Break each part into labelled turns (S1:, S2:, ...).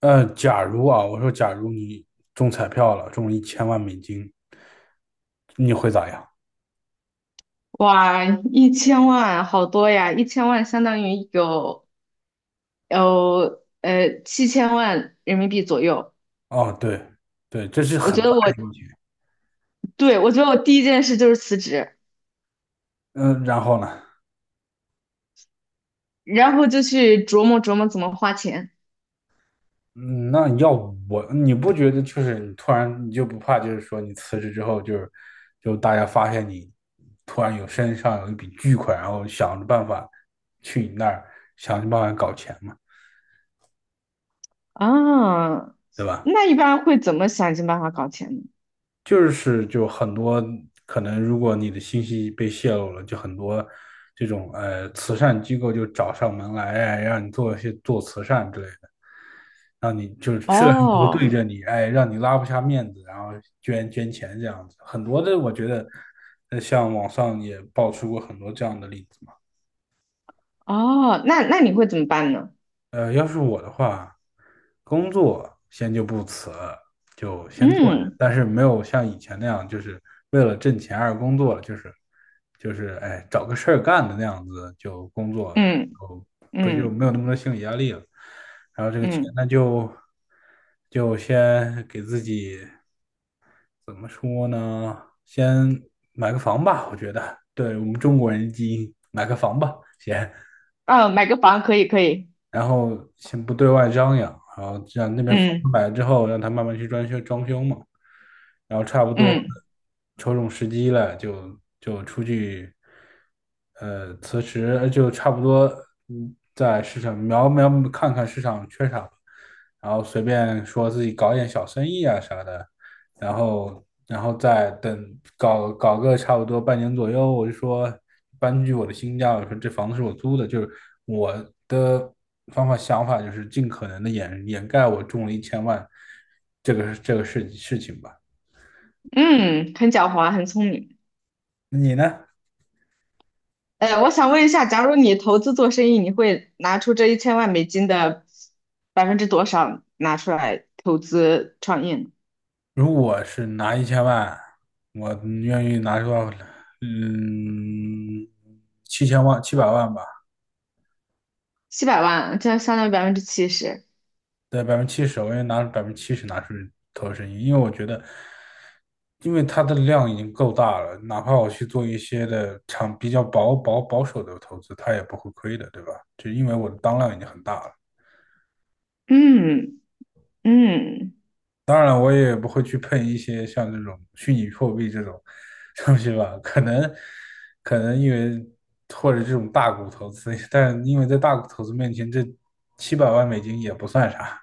S1: 假如啊，我说假如你中彩票了，中了一千万美金，你会咋样？
S2: 哇，1000万好多呀！一千万相当于有7000万人民币左右。
S1: 哦，对，对，这是
S2: 我觉
S1: 很
S2: 得
S1: 大
S2: 我
S1: 的一笔钱。
S2: 对，我觉得我第一件事就是辞职，
S1: 嗯，然后呢？
S2: 然后就去琢磨琢磨怎么花钱。
S1: 嗯，那要我，你不觉得就是你突然你就不怕，就是说你辞职之后就是，就大家发现你突然身上有一笔巨款，然后去你那儿想着办法搞钱嘛，
S2: 啊。
S1: 对吧？
S2: 那一般会怎么想尽办法搞钱呢？
S1: 就是很多可能，如果你的信息被泄露了，就很多这种慈善机构就找上门来，哎，让你做一些做慈善之类的，让你就是吃了很多对
S2: 哦
S1: 着你，哎，让你拉不下面子，然后捐钱这样子，很多的我觉得，像网上也爆出过很多这样的例子嘛。
S2: 哦，那你会怎么办呢？
S1: 要是我的话，工作先就不辞，就先做
S2: 嗯
S1: 着，但是没有像以前那样，就是为了挣钱而工作了，就是哎找个事儿干的那样子就工作，
S2: 嗯
S1: 不就
S2: 嗯
S1: 没有那么多心理压力了。然后这个钱
S2: 嗯。
S1: 呢，就先给自己怎么说呢？先买个房吧，我觉得，对我们中国人基因，买个房吧，先。
S2: 啊，买个房可以可以。
S1: 然后先不对外张扬，然后让那边房子
S2: 嗯
S1: 买了之后，让他慢慢去装修装修嘛，然后差不多
S2: 嗯
S1: 瞅准时机了，就出去，辞职就差不多，嗯，在市场瞄瞄看看市场缺啥，然后随便说自己搞点小生意啊啥的，然后再等搞搞个差不多半年左右，我就说搬去我的新家，我说这房子是我租的，就是我的方法想法就是尽可能的掩盖我中了一千万这个事情吧。
S2: 嗯，很狡猾，很聪明。
S1: 你呢？
S2: 我想问一下，假如你投资做生意，你会拿出这一千万美金的百分之多少拿出来投资创业呢？
S1: 如果是拿一千万，我愿意拿出来，嗯，七百万吧。
S2: 700万，这相当于70%。
S1: 对，百分之七十，我愿意拿百分之七十拿去投生意，因为我觉得，因为它的量已经够大了，哪怕我去做一些的长比较保守的投资，它也不会亏的，对吧？就因为我的当量已经很大了。
S2: 嗯嗯，
S1: 当然我也不会去碰一些像这种虚拟货币这种 东西吧，可能因为或者这种大股投资，但因为在大股投资面前，这700万美金也不算啥。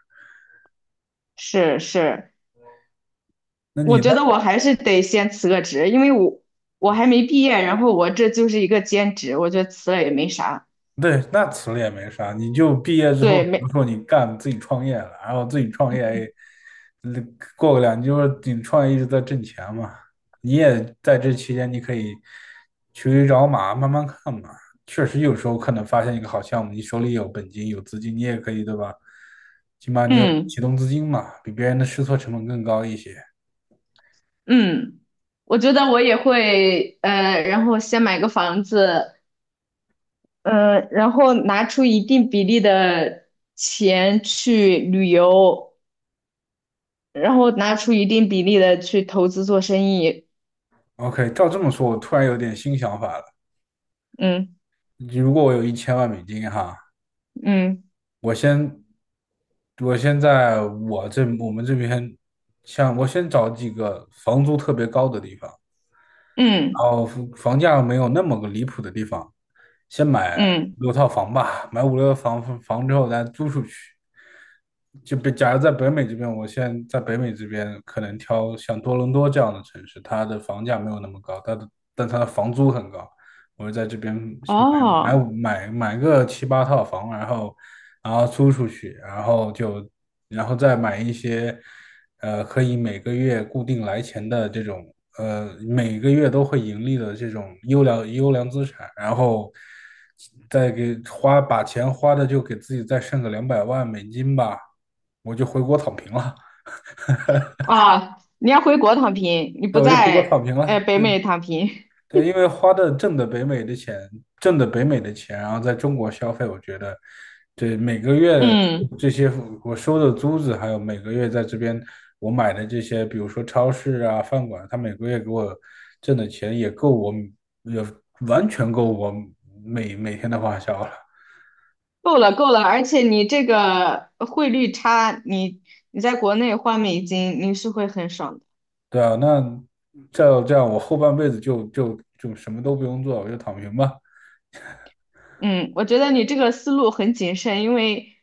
S2: 是是。
S1: 那你
S2: 我觉得
S1: 呢？
S2: 我还是得先辞个职，因为我还没毕业，然后我这就是一个兼职，我觉得辞了也没啥。
S1: 对，那辞了也没啥，你就毕业之后，
S2: 对，
S1: 比如
S2: 没。
S1: 说你干自己创业了，然后自己创业，嗯过个两，就是你创业一直在挣钱嘛，你也在这期间你可以去驴找马，慢慢看嘛。确实有时候可能发现一个好项目，你手里有本金有资金，你也可以对吧？起码你有
S2: 嗯
S1: 启动资金嘛，比别人的试错成本更高一些。
S2: 嗯，我觉得我也会，然后先买个房子。嗯，然后拿出一定比例的钱去旅游，然后拿出一定比例的去投资做生意。
S1: OK，照这么说，我突然有点新想法了。
S2: 嗯
S1: 如果我有一千万美金哈，
S2: 嗯
S1: 我先，我先在我们这边，像我先找几个房租特别高的地方，
S2: 嗯
S1: 然后房价没有那么个离谱的地方，先买
S2: 嗯，
S1: 五六套房吧，买五六套房之后咱租出去。就比假如在北美这边，我现在在北美这边可能挑像多伦多这样的城市，它的房价没有那么高，它的但它的房租很高。我就在这边买
S2: 哦
S1: 买买买个七八套房，然后租出去，然后再买一些。可以每个月固定来钱的这种，每个月都会盈利的这种优良资产，然后再给花，把钱花的就给自己再剩个两百万美金吧，我就回国躺平了，
S2: 啊，你要回国躺平，你
S1: 那
S2: 不
S1: 我就回国躺
S2: 在
S1: 平了。
S2: 北美躺平。
S1: 对，因为花的挣的北美的钱，挣的北美的钱，然后在中国消费，我觉得，对，每个月
S2: 嗯，
S1: 这些我收的租子，还有每个月在这边我买的这些，比如说超市啊、饭馆，他每个月给我挣的钱也够我，也完全够我每天的花销了。
S2: 够了够了，而且你这个汇率差，你在国内换美金，你是会很爽的。
S1: 对啊，那这样这样，我后半辈子就什么都不用做，我就躺平吧。
S2: 嗯，我觉得你这个思路很谨慎，因为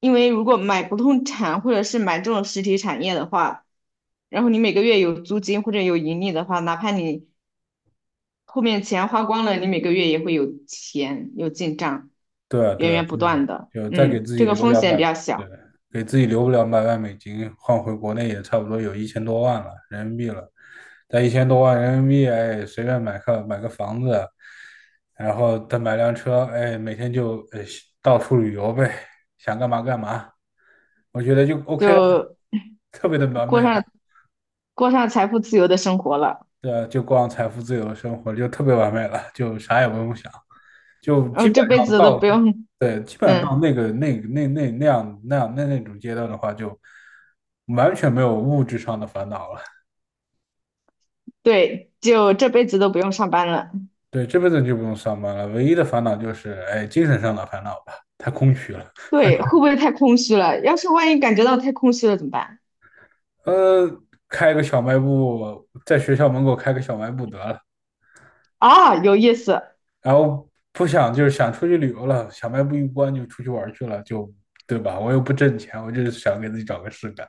S2: 因为如果买不动产或者是买这种实体产业的话，然后你每个月有租金或者有盈利的话，哪怕你后面钱花光了，你每个月也会有钱有进账，
S1: 对啊，
S2: 源
S1: 对啊，
S2: 源不
S1: 就是
S2: 断的。
S1: 就再给
S2: 嗯，
S1: 自己
S2: 这个
S1: 留
S2: 风
S1: 两
S2: 险
S1: 百，
S2: 比较
S1: 对，
S2: 小，
S1: 给自己留两百万美金，换回国内也差不多有一千多万了人民币了。但1000多万人民币，哎，随便买个房子，然后再买辆车，哎，每天就到处旅游呗，想干嘛干嘛，我觉得就 OK 了，
S2: 就
S1: 特别的完
S2: 过
S1: 美了。
S2: 上过上财富自由的生活了，
S1: 对啊，就过上财富自由的生活，就特别完美了，就啥也不用想，就
S2: 然
S1: 基
S2: 后
S1: 本
S2: 这辈
S1: 上
S2: 子都
S1: 到。
S2: 不用。
S1: 对，基本上到
S2: 嗯，
S1: 那个那那那那样那样那那种阶段的话，就完全没有物质上的烦恼了。
S2: 对，就这辈子都不用上班了。
S1: 对，这辈子就不用上班了，唯一的烦恼就是，哎，精神上的烦恼吧，太空虚了。
S2: 对，会不会太空虚了？要是万一感觉到太空虚了怎么办？
S1: 呃，开个小卖部，在学校门口开个小卖部得了，
S2: 啊，有意思。
S1: 然后不想就是想出去旅游了，小卖部一关就出去玩去了，就对吧？我又不挣钱，我就是想给自己找个事干。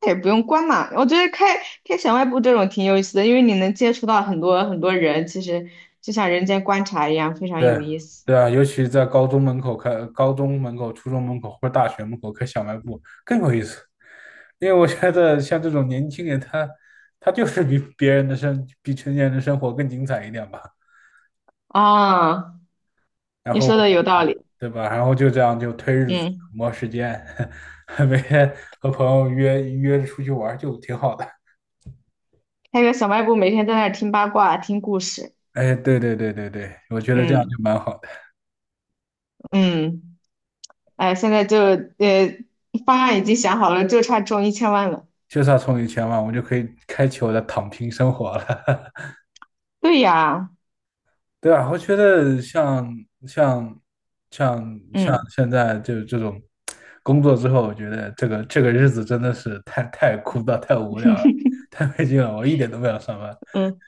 S2: 那也不用关嘛。我觉得开小卖部这种挺有意思的，因为你能接触到很多很多人，其实就像人间观察一样，非常
S1: 对
S2: 有意思。
S1: 对啊，尤其在高中门口开、高中门口、初中门口或者大学门口开小卖部更有意思，因为我觉得像这种年轻人他，他就是比别人的生、比成年人的生活更精彩一点吧，
S2: 啊，
S1: 然
S2: 你
S1: 后
S2: 说的有道理。
S1: 对吧？然后就这样就推日子、
S2: 嗯，
S1: 磨时间，每天和朋友约约着出去玩儿就挺好的。
S2: 开个小卖部，每天在那儿听八卦、听故事。
S1: 哎，对对对对对，我觉得这样
S2: 嗯
S1: 就蛮好的，
S2: 嗯，哎，现在就方案已经想好了，就差中一千万了。
S1: 就算充一千万，我就可以开启我的躺平生活了。
S2: 对呀，
S1: 对啊，我觉得像像
S2: 嗯
S1: 现在就这种工作之后，我觉得这个这个日子真的是太枯燥、太无聊 了，太没劲了，我一点都不想上班。
S2: 嗯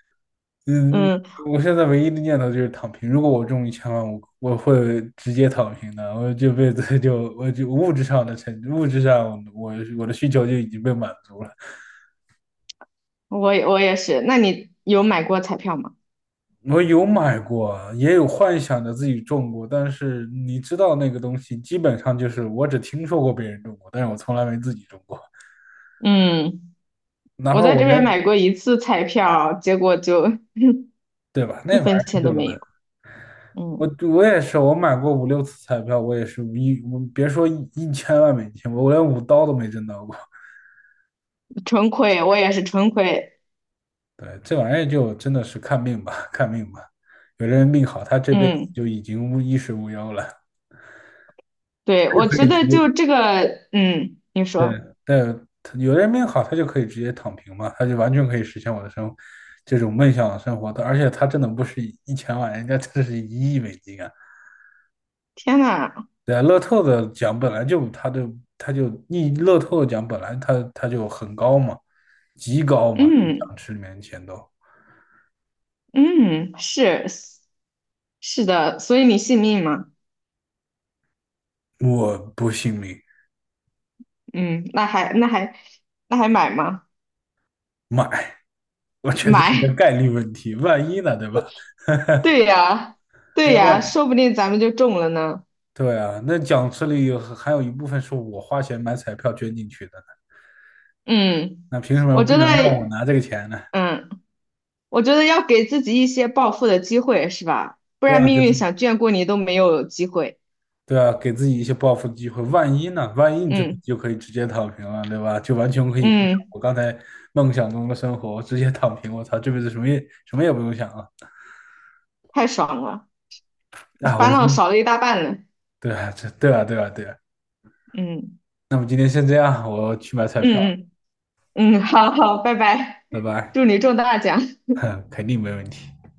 S1: 嗯，
S2: 嗯。
S1: 我现在唯一的念头就是躺平。如果我中一千万，我会直接躺平的。我这辈子就我就物质上的成物质上我的需求就已经被满足了。
S2: 我也是。那你有买过彩票吗？
S1: 我有买过，也有幻想着自己种过，但是你知道那个东西，基本上就是我只听说过别人种过，但是我从来没自己种过。
S2: 嗯，
S1: 哪
S2: 我
S1: 怕
S2: 在
S1: 我
S2: 这边
S1: 连，
S2: 买过一次彩票，结果就
S1: 对吧？那
S2: 一
S1: 玩意
S2: 分
S1: 儿，
S2: 钱
S1: 对
S2: 都没
S1: 吧？
S2: 有。嗯，
S1: 我也是，我买过五六次彩票，我别说一千万美金，我连5刀都没挣到过。
S2: 纯亏，我也是纯亏。
S1: 对，这玩意儿就真的是看命吧，看命吧。有的人命好，他这辈子
S2: 嗯，
S1: 就已经无衣食无忧了，
S2: 对，我
S1: 可
S2: 觉
S1: 以直
S2: 得
S1: 接
S2: 就这个，嗯，你
S1: 对，
S2: 说，
S1: 但他有的人命好，他就可以直接躺平嘛，他就完全可以实现我的生这种梦想的生活的，而且他真的不是一千万，人家的是1亿美金啊！
S2: 天呐，
S1: 对啊，乐透的奖本来就他就他就你乐透的奖本来他就很高嘛，极高嘛，奖
S2: 嗯
S1: 池里面的钱都，
S2: 嗯，是的，所以你信命吗？
S1: 我不信命。
S2: 嗯，那还买吗？
S1: 买，我觉得这是
S2: 买，
S1: 个概率问题，万一呢，对吧？
S2: 对呀
S1: 哎，
S2: 对呀，说不定咱们就中了呢。
S1: 对啊，那奖池里有还有一部分是我花钱买彩票捐进去的。
S2: 嗯，
S1: 那凭什么
S2: 我
S1: 不
S2: 觉得，
S1: 能让我拿这个钱呢？
S2: 嗯。我觉得要给自己一些暴富的机会，是吧？不
S1: 对
S2: 然
S1: 啊，
S2: 命运想眷顾你都没有机会。
S1: 对啊，给自己一些报复的机会。万一呢？万一你这不
S2: 嗯
S1: 就可以直接躺平了，对吧？就完全可以过上
S2: 嗯，
S1: 我刚才梦想中的生活，我直接躺平。我操，这辈子什么也什么也不用想了。
S2: 太爽了，
S1: 啊，
S2: 烦恼少了一大半了。
S1: 对啊，这对啊，对啊，对啊。
S2: 嗯
S1: 那么今天先这样，我去买彩票
S2: 嗯嗯嗯，好好，拜拜，
S1: 了。拜拜。
S2: 祝你中大奖。
S1: 哼，肯定没问题。